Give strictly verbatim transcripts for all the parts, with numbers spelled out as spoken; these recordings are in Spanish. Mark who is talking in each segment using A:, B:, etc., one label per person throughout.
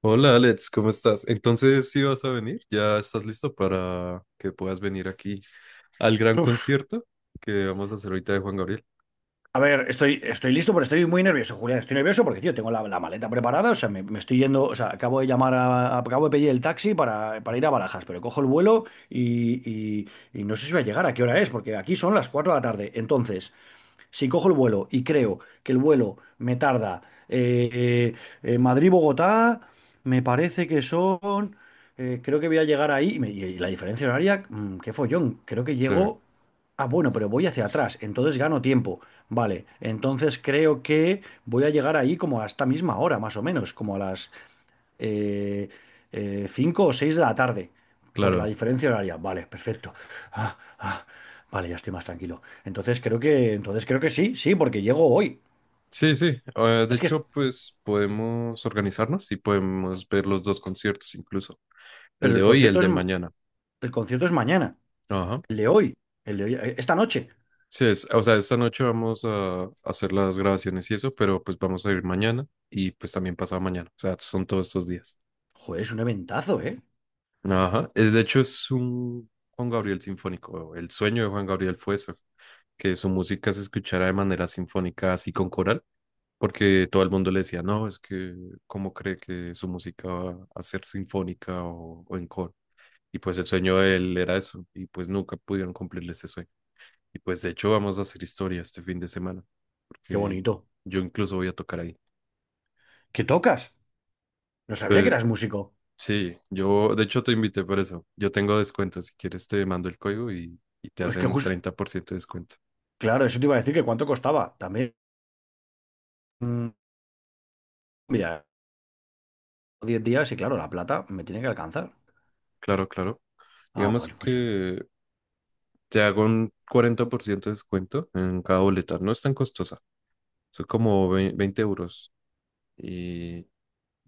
A: Hola Alex, ¿cómo estás? Entonces, ¿sí vas a venir? ¿Ya estás listo para que puedas venir aquí al gran
B: Uf,
A: concierto que vamos a hacer ahorita de Juan Gabriel?
B: a ver, estoy, estoy listo, pero estoy muy nervioso, Julián. Estoy nervioso porque, tío, tengo la, la maleta preparada. O sea, me, me estoy yendo. O sea, acabo de llamar a, acabo de pedir el taxi para, para ir a Barajas, pero cojo el vuelo y, y- y no sé si voy a llegar, a qué hora es, porque aquí son las cuatro de la tarde. Entonces, Si cojo el vuelo y creo que el vuelo me tarda, eh, eh, eh, Madrid-Bogotá, me parece que son, eh, creo que voy a llegar ahí, y, me- y la diferencia horaria, mm, qué follón, creo que
A: Sí,
B: llego, ah, bueno, pero voy hacia atrás, entonces gano tiempo, vale, entonces creo que voy a llegar ahí como a esta misma hora, más o menos, como a las eh, eh, cinco o seis de la tarde, por la
A: claro.
B: diferencia horaria. Vale, perfecto. Ah, ah, vale, ya estoy más tranquilo. Entonces creo que, entonces creo que sí, sí, porque llego hoy.
A: Sí, sí. Eh, de
B: Es que, es-
A: hecho, pues podemos organizarnos y podemos ver los dos conciertos incluso, el
B: pero
A: de
B: el
A: hoy y el
B: concierto es,
A: de mañana.
B: el concierto es mañana,
A: Ajá.
B: el de hoy, el de hoy, eh, esta noche.
A: Sí, es, o sea, esta noche vamos a hacer las grabaciones y eso, pero pues vamos a ir mañana y pues también pasado mañana. O sea, son todos estos días.
B: Joder, es un eventazo, ¿eh?
A: Ajá. Es, de hecho, es un Juan Gabriel sinfónico. El sueño de Juan Gabriel fue eso, que su música se escuchara de manera sinfónica, así con coral, porque todo el mundo le decía, no, es que, ¿cómo cree que su música va a ser sinfónica o, o en coro? Y pues el sueño de él era eso, y pues nunca pudieron cumplirle ese sueño. Y pues de hecho vamos a hacer historia este fin de semana,
B: Qué
A: porque
B: bonito.
A: yo incluso voy a tocar ahí.
B: ¿Qué tocas? No sabía que
A: Pues,
B: eras músico.
A: sí, yo de hecho te invité por eso. Yo tengo descuento, si quieres te mando el código y, y te
B: Es que
A: hacen
B: justo,
A: treinta por ciento de descuento.
B: claro, eso te iba a decir que cuánto costaba. También, mm, mira, diez días y claro, la plata me tiene que alcanzar.
A: Claro, claro.
B: Ah,
A: Digamos
B: vale, pues ya.
A: que te hago un cuarenta por ciento de descuento en cada boleta. No es tan costosa, son como vei- veinte euros y,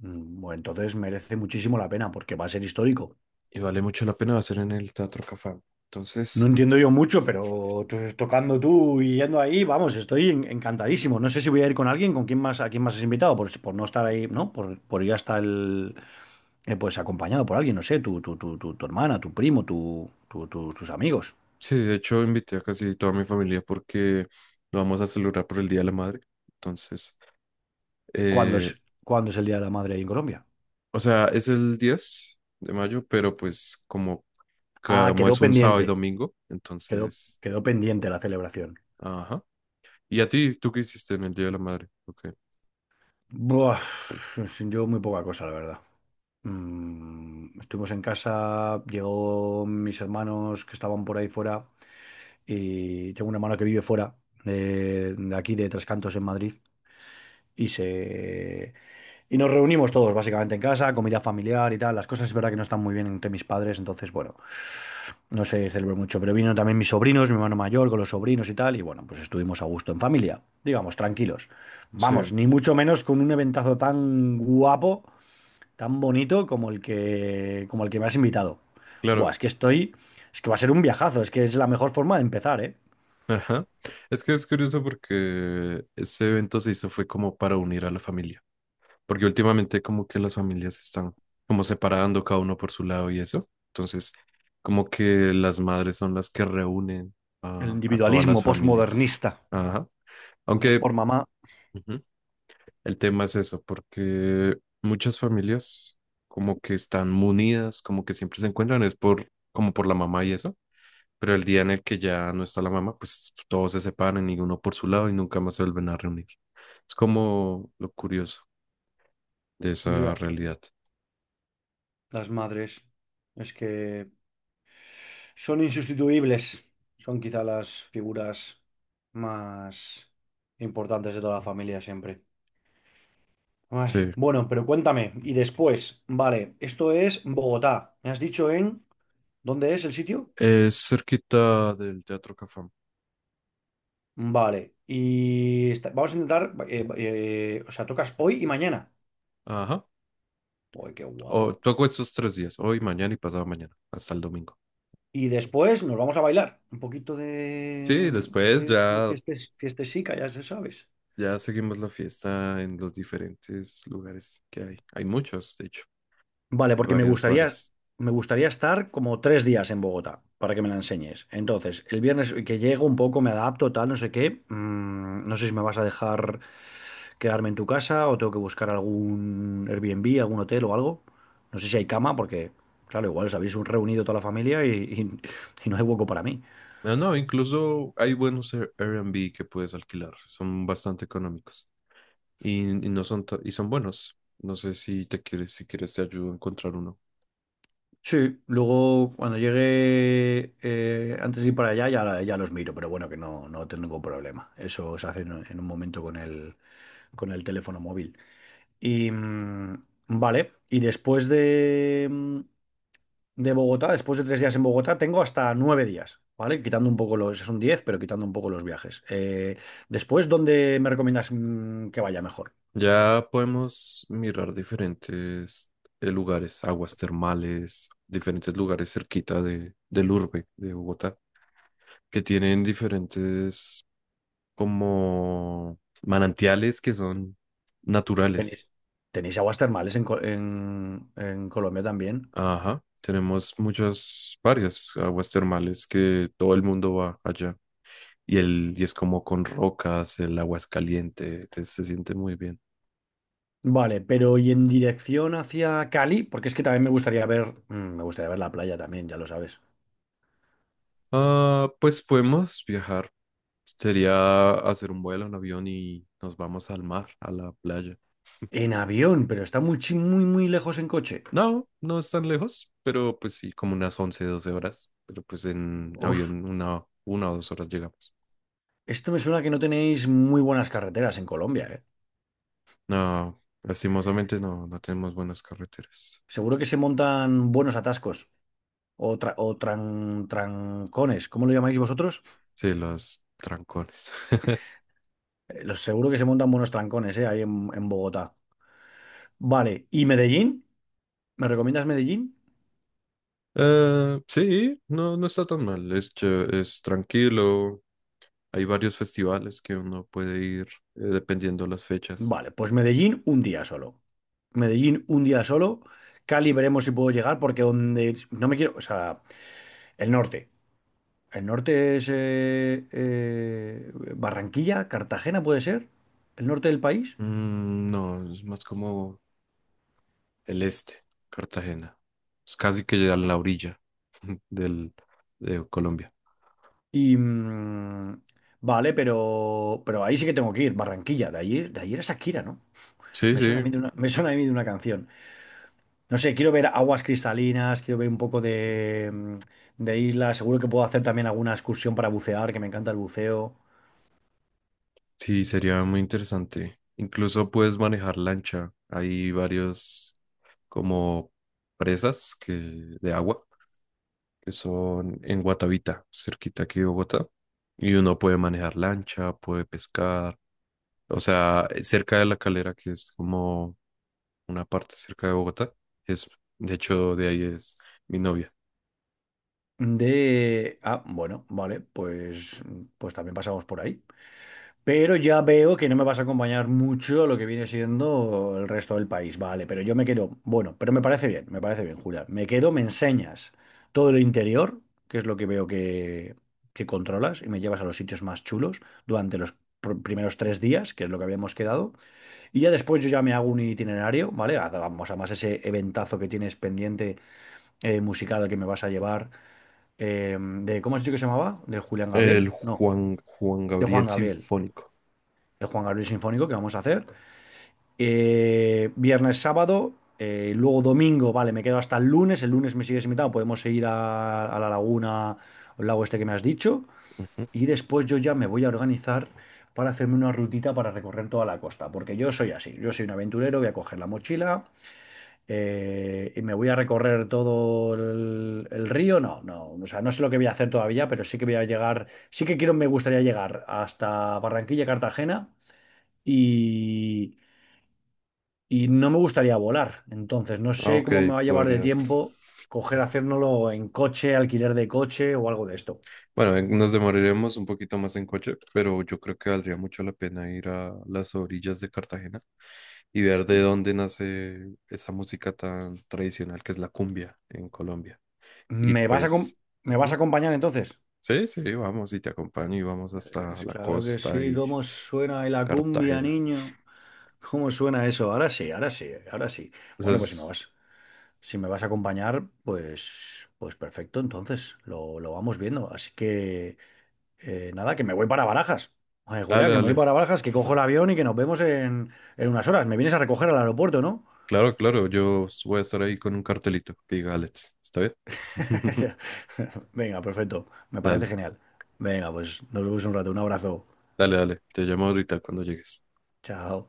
B: Mm, Bueno, entonces merece muchísimo la pena porque va a ser histórico.
A: y vale mucho la pena hacer en el Teatro Cafam.
B: No
A: Entonces,
B: entiendo yo mucho, pero to- tocando tú y yendo ahí, vamos, estoy en- encantadísimo. No sé si voy a ir con alguien, con quién más, a quién más has invitado, por, por no estar ahí, ¿no? Por, por ir hasta el, eh, pues acompañado por alguien, no sé, tu, tu, tu, tu, tu hermana, tu primo, tu, tu- tu- tus amigos.
A: sí, de hecho invité a casi toda mi familia porque lo vamos a celebrar por el Día de la Madre. Entonces,
B: ¿Cuándo
A: eh,
B: es, cuándo es el Día de la Madre ahí en Colombia?
A: o sea, es el diez de mayo, pero pues como
B: Ah,
A: como
B: quedó
A: es un sábado y
B: pendiente,
A: domingo,
B: quedó,
A: entonces,
B: quedó pendiente la celebración.
A: ajá. ¿Y a ti, tú qué hiciste en el Día de la Madre? Ok.
B: Buah, yo muy poca cosa, la verdad. Mm, estuvimos en casa, llegó mis hermanos que estaban por ahí fuera. Y tengo un hermano que vive fuera de, de aquí, de Tres Cantos, en Madrid. Y se y nos reunimos todos básicamente en casa, comida familiar y tal. Las cosas es verdad que no están muy bien entre mis padres, entonces bueno, no se celebró mucho. Pero vino también mis sobrinos, mi hermano mayor con los sobrinos y tal. Y bueno, pues estuvimos a gusto en familia, digamos, tranquilos.
A: Sí,
B: Vamos, ni mucho menos con un eventazo tan guapo, tan bonito como el que, como el que me has invitado. Buah,
A: claro.
B: es que estoy, es que va a ser un viajazo, es que es la mejor forma de empezar, ¿eh?
A: Ajá. Es que es curioso porque ese evento se hizo fue como para unir a la familia, porque últimamente como que las familias se están como separando cada uno por su lado y eso. Entonces, como que las madres son las que reúnen
B: El
A: a, a todas las
B: individualismo
A: familias.
B: posmodernista.
A: Ajá.
B: Y no es
A: Aunque...
B: por mamá.
A: ujú. El tema es eso, porque muchas familias como que están munidas, como que siempre se encuentran, es por, como por la mamá y eso, pero el día en el que ya no está la mamá, pues todos se separan y uno por su lado y nunca más se vuelven a reunir. Es como lo curioso de esa
B: Ya,
A: realidad.
B: las madres. Es que son insustituibles. Son quizá las figuras más importantes de toda la familia siempre. Ay,
A: Sí,
B: bueno, pero cuéntame. Y después, vale, esto es Bogotá. ¿Me has dicho en dónde es el sitio?
A: es cerquita del Teatro Cafam.
B: Vale. Y está- vamos a intentar, eh, eh, o sea, tocas hoy y mañana.
A: Ajá.
B: Uy, qué
A: O
B: guapo.
A: toco estos tres días, hoy, mañana y pasado mañana, hasta el domingo.
B: Y después nos vamos a bailar. Un poquito de,
A: Sí, después
B: de,
A: ya
B: fiestes- fiestesica, ya se sabes.
A: Ya seguimos la fiesta en los diferentes lugares que hay. Hay muchos, de hecho.
B: Vale,
A: Hay
B: porque me
A: varios
B: gustaría,
A: bares.
B: me gustaría estar como tres días en Bogotá para que me la enseñes. Entonces, el viernes que llego un poco, me adapto, tal, no sé qué. Mm, no sé si me vas a dejar quedarme en tu casa o tengo que buscar algún Airbnb, algún hotel o algo. No sé si hay cama, porque, claro, igual os habéis reunido toda la familia y, y- y no hay hueco para mí.
A: No, no, incluso hay buenos Air- Airbnb que puedes alquilar. Son bastante económicos. Y, y no son ta- y son buenos. No sé si te quieres, si quieres te ayudo a encontrar uno.
B: Sí, luego cuando llegue, eh, antes de ir para allá, ya, ya los miro, pero bueno, que no, no tengo ningún problema. Eso se hace en, en un momento con el, con el teléfono móvil. Y mm, vale, y después de, mm, de Bogotá, después de tres días en Bogotá, tengo hasta nueve días, ¿vale? Quitando un poco los, son diez, pero quitando un poco los viajes. Eh, después, ¿dónde me recomiendas, mm, que vaya mejor?
A: Ya podemos mirar diferentes eh, lugares, aguas termales, diferentes lugares cerquita de, del urbe de Bogotá, que tienen diferentes como manantiales que son
B: ¿Tenéis,
A: naturales.
B: tenéis aguas termales en, Co- en en Colombia también?
A: Ajá, tenemos muchas, varias aguas termales que todo el mundo va allá. Y el, y es como con rocas, el agua es caliente, es- se siente muy bien.
B: Vale, pero ¿y en dirección hacia Cali? Porque es que también me gustaría ver, mm, me gustaría ver la playa también, ya lo sabes.
A: Ah, pues podemos viajar. Sería hacer un vuelo, un avión y nos vamos al mar, a la playa.
B: En avión, pero está muy, chi- muy, muy lejos en coche.
A: No, no es tan lejos, pero pues sí, como unas once doce horas. Pero pues en
B: Uf,
A: avión una, una o dos horas llegamos.
B: esto me suena que no tenéis muy buenas carreteras en Colombia, ¿eh?
A: No, lastimosamente no, no tenemos buenas carreteras.
B: Seguro que se montan buenos atascos o, tra- o tran- trancones, ¿cómo lo llamáis vosotros?
A: Sí, los trancones.
B: Eh, los- seguro que se montan buenos trancones, ¿eh? Ahí en, en Bogotá. Vale, ¿y Medellín? ¿Me recomiendas Medellín?
A: Eh, sí, no, no está tan mal. Es, ch- es tranquilo. Hay varios festivales que uno puede ir eh, dependiendo las fechas.
B: Vale, pues Medellín un día solo. Medellín un día solo. Cali veremos si puedo llegar porque donde no me quiero, o sea, el norte. El norte es eh, eh, Barranquilla, Cartagena puede ser, el norte del país.
A: Mm, no, es más como el este, Cartagena. Es casi que ya en la orilla del, de Colombia.
B: Y mm, vale, pero, pero ahí sí que tengo que ir, Barranquilla, de ahí, de ahí era Shakira, ¿no?
A: Sí,
B: Me suena a
A: sí,
B: mí de una, me suena a mí de una canción. No sé, quiero ver aguas cristalinas, quiero ver un poco de, mm, de islas, seguro que puedo hacer también alguna excursión para bucear, que me encanta el buceo.
A: sí, sería muy interesante. Incluso puedes manejar lancha. Hay varios como presas que, de agua que son en Guatavita, cerquita aquí de Bogotá. Y uno puede manejar lancha, puede pescar. O sea, eh, cerca de la Calera, que es como una parte cerca de Bogotá. Es, de hecho, de ahí es mi novia.
B: De... Ah, bueno, vale, pues, pues también pasamos por ahí. Pero ya veo que no me vas a acompañar mucho a lo que viene siendo el resto del país. Vale, pero yo me quedo... Bueno, pero me parece bien, me parece bien, Julia. Me quedo, me enseñas todo lo interior, que es lo que veo que, que controlas, y me llevas a los sitios más chulos durante los pr- primeros tres días, que es lo que habíamos quedado. Y ya después yo ya me hago un itinerario, ¿vale? Haz- Vamos, además ese eventazo que tienes pendiente, eh, musical al que me vas a llevar, eh, de, ¿cómo has dicho que se llamaba? ¿De Julián Gabriel?
A: El
B: No,
A: Juan, Juan
B: de Juan
A: Gabriel
B: Gabriel.
A: Sinfónico.
B: El Juan Gabriel Sinfónico que vamos a hacer. Eh, viernes, sábado, eh, luego domingo, vale, me quedo hasta el lunes. El lunes me sigues invitado, podemos ir a, a la laguna, al lago este que me has dicho.
A: Ujú.
B: Y después yo ya me voy a organizar para hacerme una rutita para recorrer toda la costa, porque yo soy así, yo soy un aventurero, voy a coger la mochila, eh, y me voy a recorrer todo el, el río. No, no, o sea, no sé lo que voy a hacer todavía, pero sí que voy a llegar, sí que quiero, me gustaría llegar hasta Barranquilla, Cartagena y, y no me gustaría volar. Entonces, no
A: Ah,
B: sé
A: ok,
B: cómo me va a llevar de
A: podrías.
B: tiempo coger, hacérnoslo en coche, alquiler de coche o algo de esto.
A: Bueno, en- nos demoraremos un poquito más en coche, pero yo creo que valdría mucho la pena ir a las orillas de Cartagena y ver de dónde nace esa música tan tradicional que es la cumbia en Colombia. Y
B: ¿Me vas a, acom-
A: pues,
B: me
A: ¿mm?
B: vas a acompañar entonces?
A: Sí, sí, vamos y te acompaño y vamos hasta
B: Es
A: la
B: claro que
A: costa
B: sí,
A: y
B: ¿cómo suena ahí la cumbia,
A: Cartagena.
B: niño? ¿Cómo suena eso? Ahora sí, ahora sí, ahora sí. Bueno, pues si me
A: Entonces,
B: vas. Si me vas a acompañar, pues, pues, perfecto, entonces lo, lo vamos viendo. Así que, eh, nada, que me voy para Barajas. Oye, Julián,
A: dale,
B: que me voy
A: dale.
B: para Barajas, que cojo el avión y que nos vemos en, en, unas horas. Me vienes a recoger al aeropuerto, ¿no?
A: Claro, claro, yo voy a estar ahí con un cartelito que diga Alex, ¿está bien?
B: Venga, perfecto. Me parece
A: Dale,
B: genial. Venga, pues nos vemos un rato. Un abrazo.
A: dale, dale. Te llamo ahorita cuando llegues.
B: Chao.